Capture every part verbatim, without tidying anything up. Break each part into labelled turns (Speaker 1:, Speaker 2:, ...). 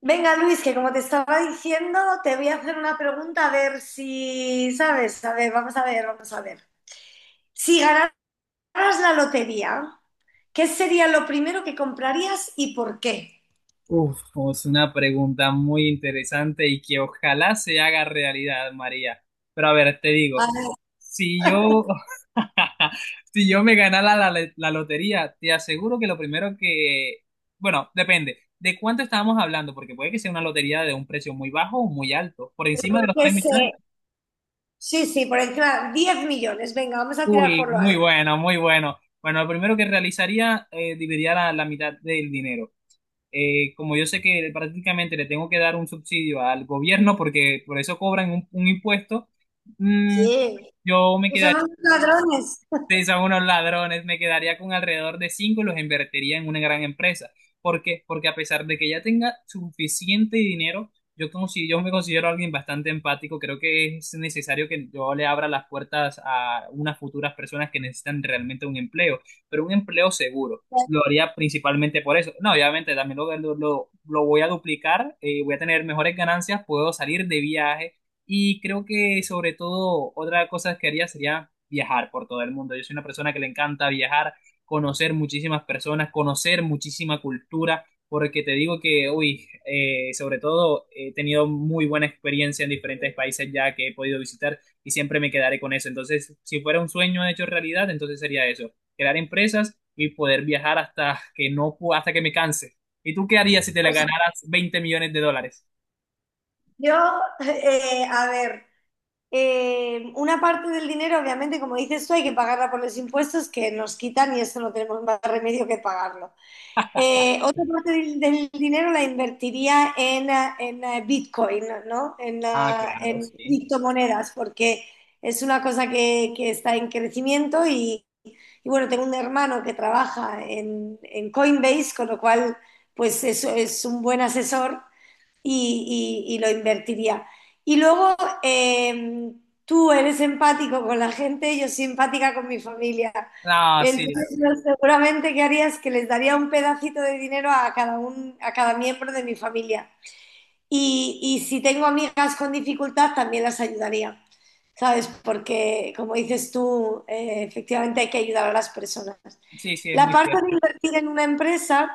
Speaker 1: Venga, Luis, que como te estaba diciendo, te voy a hacer una pregunta a ver si sabes. A ver, vamos a ver, vamos a ver. Si ganaras la lotería, ¿qué sería lo primero que comprarías y por qué?
Speaker 2: Uf, es una pregunta muy interesante y que ojalá se haga realidad, María. Pero a ver, te
Speaker 1: A
Speaker 2: digo,
Speaker 1: ver,
Speaker 2: si yo, si yo me ganara la, la- la lotería, te aseguro que lo primero que, bueno, depende de cuánto estábamos hablando, porque puede que sea una lotería de un precio muy bajo o muy alto, por encima de
Speaker 1: yo
Speaker 2: los
Speaker 1: qué
Speaker 2: tres millones.
Speaker 1: sé. Sí, sí, por encima, diez millones. Venga, vamos a tirar
Speaker 2: Uy,
Speaker 1: por lo
Speaker 2: muy
Speaker 1: alto.
Speaker 2: bueno, muy bueno. Bueno, lo primero que realizaría, eh, dividiría la, la mitad del dinero. Eh, como yo sé que prácticamente le tengo que dar un subsidio al gobierno porque por eso cobran un, un impuesto. Mm,
Speaker 1: Sí,
Speaker 2: yo me
Speaker 1: que
Speaker 2: quedé
Speaker 1: son unos ladrones.
Speaker 2: Sí, son unos ladrones. Me quedaría con alrededor de cinco y los invertiría en una gran empresa. ¿Por qué? Porque a pesar de que ya tenga suficiente dinero, yo, como si yo me considero alguien bastante empático. Creo que es necesario que yo le abra las puertas a unas futuras personas que necesitan realmente un empleo, pero un empleo seguro. Lo haría principalmente por eso. No, obviamente también lo, lo, lo- lo voy a duplicar, eh, voy a tener mejores ganancias, puedo salir de viaje y creo que sobre todo otra cosa que haría sería viajar por todo el mundo. Yo soy una persona que le encanta viajar, conocer muchísimas personas, conocer muchísima cultura, porque te digo que, uy, eh, sobre todo he tenido muy buena experiencia en diferentes países ya que he podido visitar y siempre me quedaré con eso. Entonces, si fuera un sueño hecho realidad, entonces sería eso, crear empresas y poder viajar hasta que no, pu- hasta que me canse. ¿Y tú qué harías si te la
Speaker 1: Pues
Speaker 2: ganaras veinte millones de dólares?
Speaker 1: yo, eh, a ver, eh, una parte del dinero, obviamente, como dices tú, hay que pagarla por los impuestos que nos quitan y eso no tenemos más remedio que pagarlo. Eh, otra parte del, del dinero la invertiría en, eh, en, eh, Bitcoin, ¿no? En, eh,
Speaker 2: Ah, claro,
Speaker 1: en
Speaker 2: sí.
Speaker 1: criptomonedas, porque es una cosa que, que está en crecimiento y, y, bueno, tengo un hermano que trabaja en, en Coinbase, con lo cual pues eso es un buen asesor y, y- y lo invertiría. Y luego eh, tú eres empático con la gente, yo soy empática con mi familia.
Speaker 2: Ah, sí,
Speaker 1: Entonces, yo seguramente que haría es que les daría un pedacito de dinero a cada un, a cada miembro de mi familia. Y, y si tengo amigas con dificultad, también las ayudaría, ¿sabes? Porque, como dices tú, eh, efectivamente hay que ayudar a las personas.
Speaker 2: sí, sí, es
Speaker 1: La
Speaker 2: muy
Speaker 1: parte de
Speaker 2: cierto.
Speaker 1: invertir en una empresa.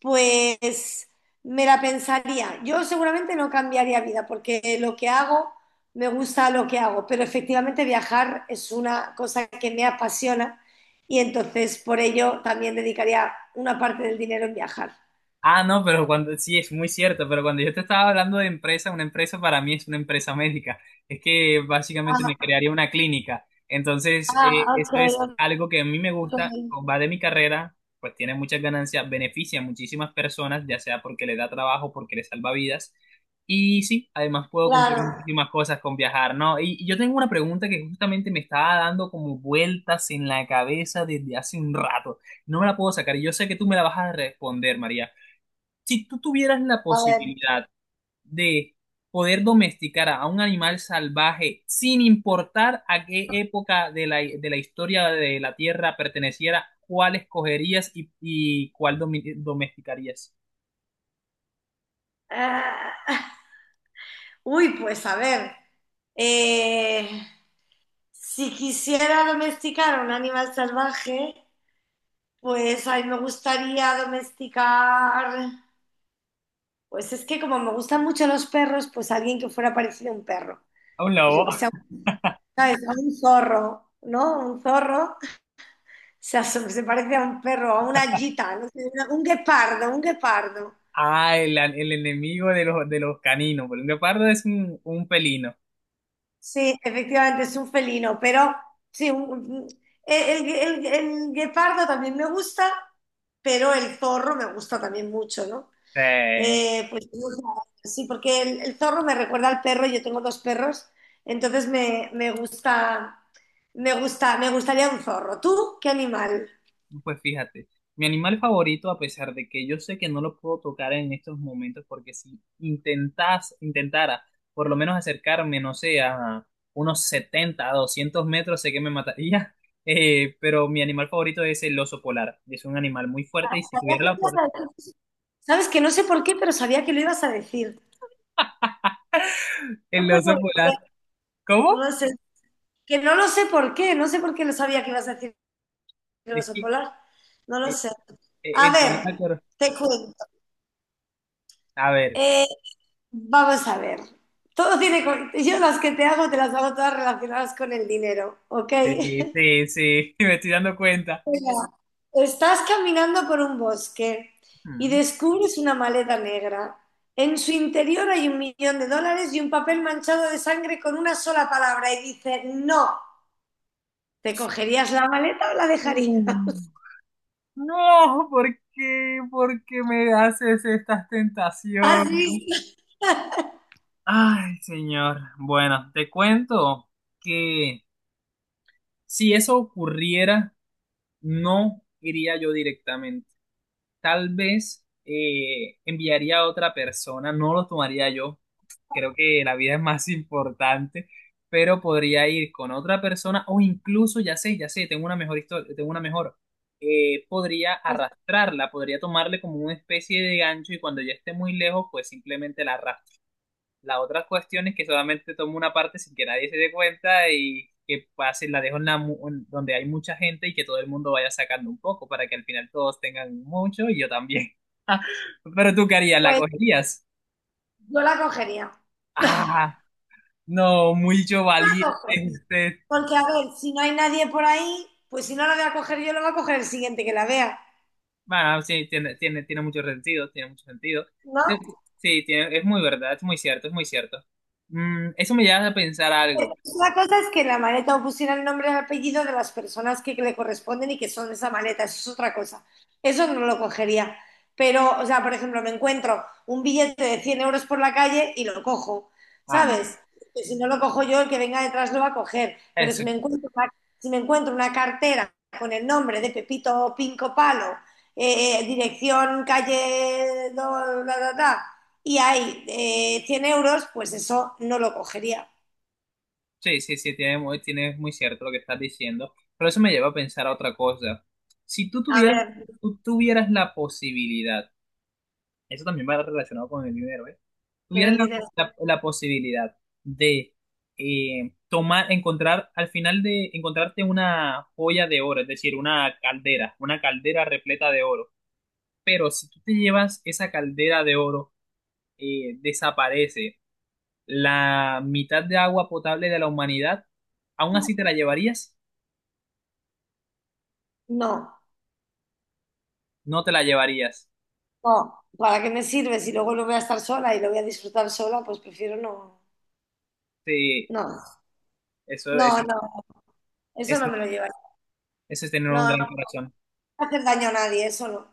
Speaker 1: Pues me la pensaría. Yo seguramente no cambiaría vida porque lo que hago, me gusta lo que hago, pero efectivamente viajar es una cosa que me apasiona y entonces por ello también dedicaría una parte del dinero en viajar.
Speaker 2: Ah, no, pero cuando, sí, es muy cierto, pero cuando yo te estaba hablando de empresa, una empresa para mí es una empresa médica. Es que básicamente me
Speaker 1: Ah,
Speaker 2: crearía una clínica. Entonces,
Speaker 1: ah,
Speaker 2: eh, eso
Speaker 1: ok,
Speaker 2: es algo que a mí me
Speaker 1: ok.
Speaker 2: gusta, va de mi carrera, pues tiene muchas ganancias, beneficia a muchísimas personas, ya sea porque le da trabajo, porque le salva vidas. Y sí, además puedo cumplir
Speaker 1: Claro,
Speaker 2: muchísimas cosas con viajar, ¿no? Y, y yo tengo una pregunta que justamente me estaba dando como vueltas en la cabeza desde hace un rato. No me la puedo sacar y yo sé que tú me la vas a responder, María. Si tú tuvieras la
Speaker 1: a ver.
Speaker 2: posibilidad de poder domesticar a un animal salvaje sin importar a qué época de la, de la historia de la Tierra perteneciera, ¿cuál escogerías y, y cuál domi- domesticarías?
Speaker 1: Ah, uy, pues a ver, eh, si quisiera domesticar a un animal salvaje, pues a mí me gustaría domesticar, pues es que como me gustan mucho los perros, pues alguien que fuera parecido a un perro.
Speaker 2: A un
Speaker 1: Pues yo
Speaker 2: lobo.
Speaker 1: que sea, un- ¿sabes? A un zorro, ¿no? Un zorro, o sea, se se parece a un perro, a una gita, no sé, una- un guepardo, un guepardo.
Speaker 2: Ah, el, el enemigo de los, de los caninos. Porque un guepardo es un, un pelino.
Speaker 1: Sí, efectivamente es un felino, pero sí, un- un- el, el- el guepardo también me gusta, pero el zorro me gusta también mucho, ¿no?
Speaker 2: Sí.
Speaker 1: Eh, pues no sé, sí, porque el, el zorro me recuerda al perro, yo tengo dos perros, entonces me, me gusta, me gusta, me gustaría un zorro. ¿Tú qué animal?
Speaker 2: Pues fíjate, mi animal favorito, a pesar de que yo sé que no lo puedo tocar en estos momentos, porque si intentas, intentara por lo menos acercarme, no sé, a unos setenta a doscientos metros, sé que me mataría. Eh, pero mi animal favorito es el oso polar. Es un animal muy fuerte y si tuviera la por
Speaker 1: Sabes que no sé por qué, pero sabía que lo ibas a decir. No
Speaker 2: el
Speaker 1: sé
Speaker 2: oso
Speaker 1: por qué,
Speaker 2: polar.
Speaker 1: no
Speaker 2: ¿Cómo?
Speaker 1: lo sé. Que no lo sé por qué, no sé por qué lo sabía que ibas a decir. El
Speaker 2: Es
Speaker 1: oso
Speaker 2: que,
Speaker 1: polar. No lo
Speaker 2: eh,
Speaker 1: sé. A
Speaker 2: eh, eh,
Speaker 1: ver,
Speaker 2: me acuerdo.
Speaker 1: te cuento.
Speaker 2: A ver,
Speaker 1: Eh, vamos a ver. Todo tiene. co- Yo las que te hago, te las hago todas relacionadas con el dinero, ¿ok?
Speaker 2: sí, sí, sí, me estoy dando cuenta.
Speaker 1: Mira, estás caminando por un bosque y descubres una maleta negra. En su interior hay un millón de dólares y un papel manchado de sangre con una sola palabra y dice, no, ¿te cogerías la maleta o la dejarías?
Speaker 2: Ujú. No, ¿por qué? ¿Por qué me haces estas
Speaker 1: ¿Has
Speaker 2: tentaciones?
Speaker 1: visto?
Speaker 2: Ay, señor. Bueno, te cuento que si eso ocurriera, no iría yo directamente. Tal vez eh, enviaría a otra persona, no lo tomaría yo. Creo que la vida es más importante, pero podría ir con otra persona o incluso, ya sé, ya sé, tengo una mejor historia, tengo una mejor, eh, podría arrastrarla, podría tomarle como una especie de gancho y cuando ya esté muy lejos, pues simplemente la arrastro. La otra cuestión es que solamente tomo una parte sin que nadie se dé cuenta y que pase, la dejo en la mu- en donde hay mucha gente y que todo el mundo vaya sacando un poco para que al final todos tengan mucho y yo también. Pero tú qué harías, ¿la
Speaker 1: Pues
Speaker 2: cogerías?
Speaker 1: yo la cogería.
Speaker 2: Ah. No, mucho
Speaker 1: La
Speaker 2: valiente
Speaker 1: cojo.
Speaker 2: usted.
Speaker 1: Porque, a ver, si no hay nadie por ahí, pues si no la voy a coger yo, la va a coger el siguiente que la vea,
Speaker 2: Bueno, sí, tiene, tiene, tiene mucho sentido, tiene mucho sentido.
Speaker 1: ¿no?
Speaker 2: Sí, tiene- es muy verdad, es muy cierto, es muy cierto. Mm, eso me lleva a pensar algo.
Speaker 1: La cosa es que en la maleta o pusiera el nombre y el apellido de las personas que le corresponden y que son de esa maleta, eso es otra cosa. Eso no lo cogería. Pero, o sea, por ejemplo, me encuentro un billete de cien euros por la calle y lo cojo,
Speaker 2: Ah, no, no,
Speaker 1: ¿sabes? Que si no lo cojo yo, el que venga detrás lo va a coger. Pero
Speaker 2: Eso,
Speaker 1: si me
Speaker 2: no.
Speaker 1: encuentro una, si me encuentro una cartera con el nombre de Pepito Pinco Palo, eh, eh, dirección calle, do- da, da, da, y hay eh, cien euros, pues eso no lo cogería.
Speaker 2: Sí, sí, sí, tiene, muy- tiene muy cierto lo que estás diciendo. Pero eso me lleva a pensar a otra cosa. Si tú
Speaker 1: A
Speaker 2: tuvieras,
Speaker 1: ver.
Speaker 2: tú tuvieras la posibilidad, eso también va relacionado con el dinero, ¿eh? Tuvieran
Speaker 1: Entonces
Speaker 2: la,
Speaker 1: dices,
Speaker 2: la- la posibilidad de eh, tomar, encontrar, al final de encontrarte una joya de oro, es decir, una caldera, una caldera repleta de oro. Pero si tú te llevas esa caldera de oro, eh, desaparece la mitad de agua potable de la humanidad, ¿aún así te la llevarías?
Speaker 1: no,
Speaker 2: No te la llevarías.
Speaker 1: no, ¿para qué me sirve si luego lo voy a estar sola y lo voy a disfrutar sola? Pues prefiero no,
Speaker 2: Sí,
Speaker 1: no,
Speaker 2: eso,
Speaker 1: no,
Speaker 2: eso,
Speaker 1: no, eso no
Speaker 2: eso,
Speaker 1: me lo llevaré.
Speaker 2: eso es tener un
Speaker 1: No, no,
Speaker 2: gran
Speaker 1: no
Speaker 2: corazón.
Speaker 1: hacer daño a nadie, eso no.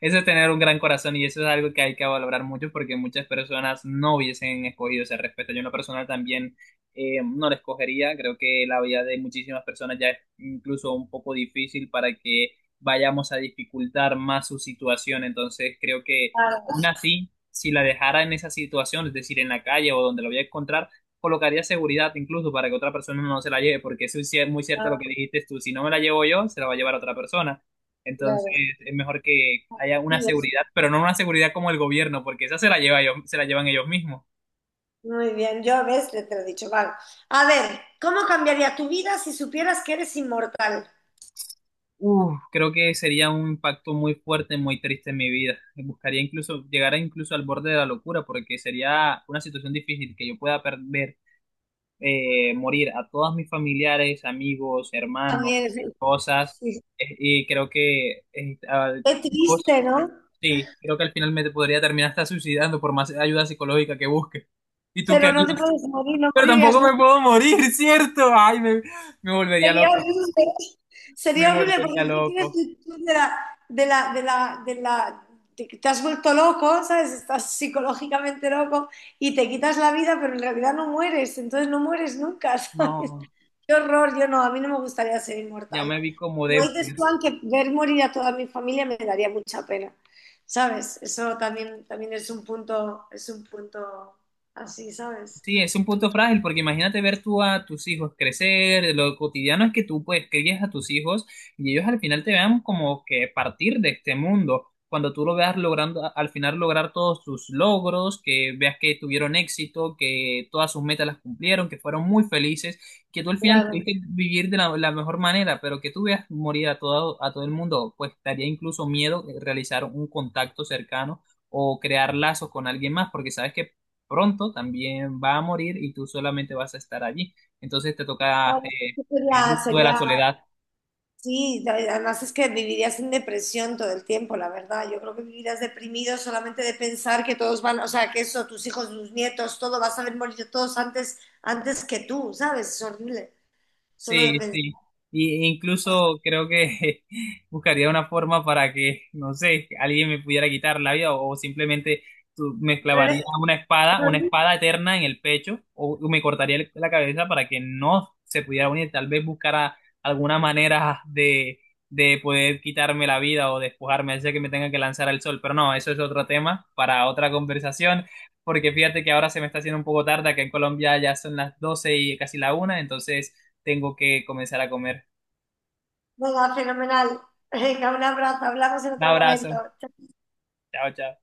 Speaker 2: Eso es tener un gran corazón y eso es algo que hay que valorar mucho porque muchas personas no hubiesen escogido ese respeto. Yo en lo personal también eh, no lo escogería. Creo que la vida de muchísimas personas ya es incluso un poco difícil para que vayamos a dificultar más su situación. Entonces creo que aún
Speaker 1: Claro,
Speaker 2: así, si la dejara en esa situación, es decir, en la calle o donde la voy a encontrar, colocaría seguridad incluso para que otra persona no se la lleve, porque eso es cier- muy cierto lo
Speaker 1: claro,
Speaker 2: que dijiste tú, si no me la llevo yo, se la va a llevar otra persona. Entonces es mejor que haya una
Speaker 1: claro.
Speaker 2: seguridad, pero no una seguridad como el gobierno, porque esa se la lleva ellos, se la llevan ellos mismos.
Speaker 1: Muy bien, yo ves, te te lo he dicho, vale. A ver, ¿cómo cambiaría tu vida si supieras que eres inmortal?
Speaker 2: Uf, creo que sería un impacto muy fuerte, muy triste en mi vida. Buscaría incluso llegar a incluso al borde de la locura, porque sería una situación difícil que yo pueda perder, eh, morir a todos mis familiares, amigos, hermanos,
Speaker 1: También, sí.
Speaker 2: cosas.
Speaker 1: Sí.
Speaker 2: Eh, y creo que eh, al-
Speaker 1: Qué
Speaker 2: cosas,
Speaker 1: triste, ¿no?
Speaker 2: sí, creo que al final me podría terminar hasta suicidando por más ayuda psicológica que busque. ¿Y tú qué
Speaker 1: Pero no te
Speaker 2: harías?
Speaker 1: puedes morir, no
Speaker 2: Pero
Speaker 1: morirías
Speaker 2: tampoco me
Speaker 1: nunca.
Speaker 2: puedo morir, ¿cierto? Ay, me, me volvería
Speaker 1: Sería
Speaker 2: loco.
Speaker 1: horrible,
Speaker 2: Me
Speaker 1: sería horrible
Speaker 2: volvería
Speaker 1: porque tú te quieres
Speaker 2: loco.
Speaker 1: tú de la, de la, de la, de la, te, te has vuelto loco, ¿sabes? Estás psicológicamente loco y te quitas la vida, pero en realidad no mueres, entonces no mueres nunca, ¿sabes?
Speaker 2: No,
Speaker 1: Qué horror, yo no, a mí no me gustaría ser
Speaker 2: ya
Speaker 1: inmortal.
Speaker 2: me vi como
Speaker 1: Como dices tú,
Speaker 2: Deadpool.
Speaker 1: que ver morir a toda mi familia me daría mucha pena, ¿sabes? Eso también, también es un punto, es un punto así, ¿sabes?
Speaker 2: Sí, es un punto frágil porque imagínate ver tú a tus hijos crecer, lo cotidiano es que tú pues crías a tus hijos y ellos al final te vean como que partir de este mundo, cuando tú lo veas logrando al final lograr todos sus logros, que veas que tuvieron éxito, que todas sus metas las cumplieron, que fueron muy felices, que tú al final
Speaker 1: Claro.
Speaker 2: pudiste vivir de la, la mejor manera, pero que tú veas morir a todo, a todo el mundo, pues daría incluso miedo realizar un contacto cercano o crear lazos con alguien más, porque sabes que pronto también va a morir y tú solamente vas a estar allí. Entonces te toca eh,
Speaker 1: Sería,
Speaker 2: el ritmo de la
Speaker 1: sería
Speaker 2: soledad.
Speaker 1: Sí, la- además es que vivirías en depresión todo el tiempo, la verdad. Yo creo que vivirías deprimido solamente de pensar que todos van, o sea, que eso, tus hijos, tus nietos, todo, vas a ver morir todos antes, antes que tú, ¿sabes? Es horrible, solo de
Speaker 2: Sí,
Speaker 1: pensar.
Speaker 2: sí. Y incluso creo que buscaría una forma para que, no sé, alguien me pudiera quitar la vida o, o simplemente tú- me
Speaker 1: Pero
Speaker 2: clavaría
Speaker 1: eres-
Speaker 2: una espada, una espada eterna en el pecho o me cortaría el- la cabeza para que no se pudiera unir. Tal vez buscara alguna manera de, de poder quitarme la vida o despojarme, hacer que me tenga que lanzar al sol. Pero no, eso es otro tema para otra conversación. Porque fíjate que ahora se me está haciendo un poco tarde, acá en Colombia ya son las doce y casi la una, entonces tengo que comenzar a comer.
Speaker 1: Venga, fenomenal. Venga, un abrazo, hablamos en
Speaker 2: Un
Speaker 1: otro momento.
Speaker 2: abrazo. Chao, chao.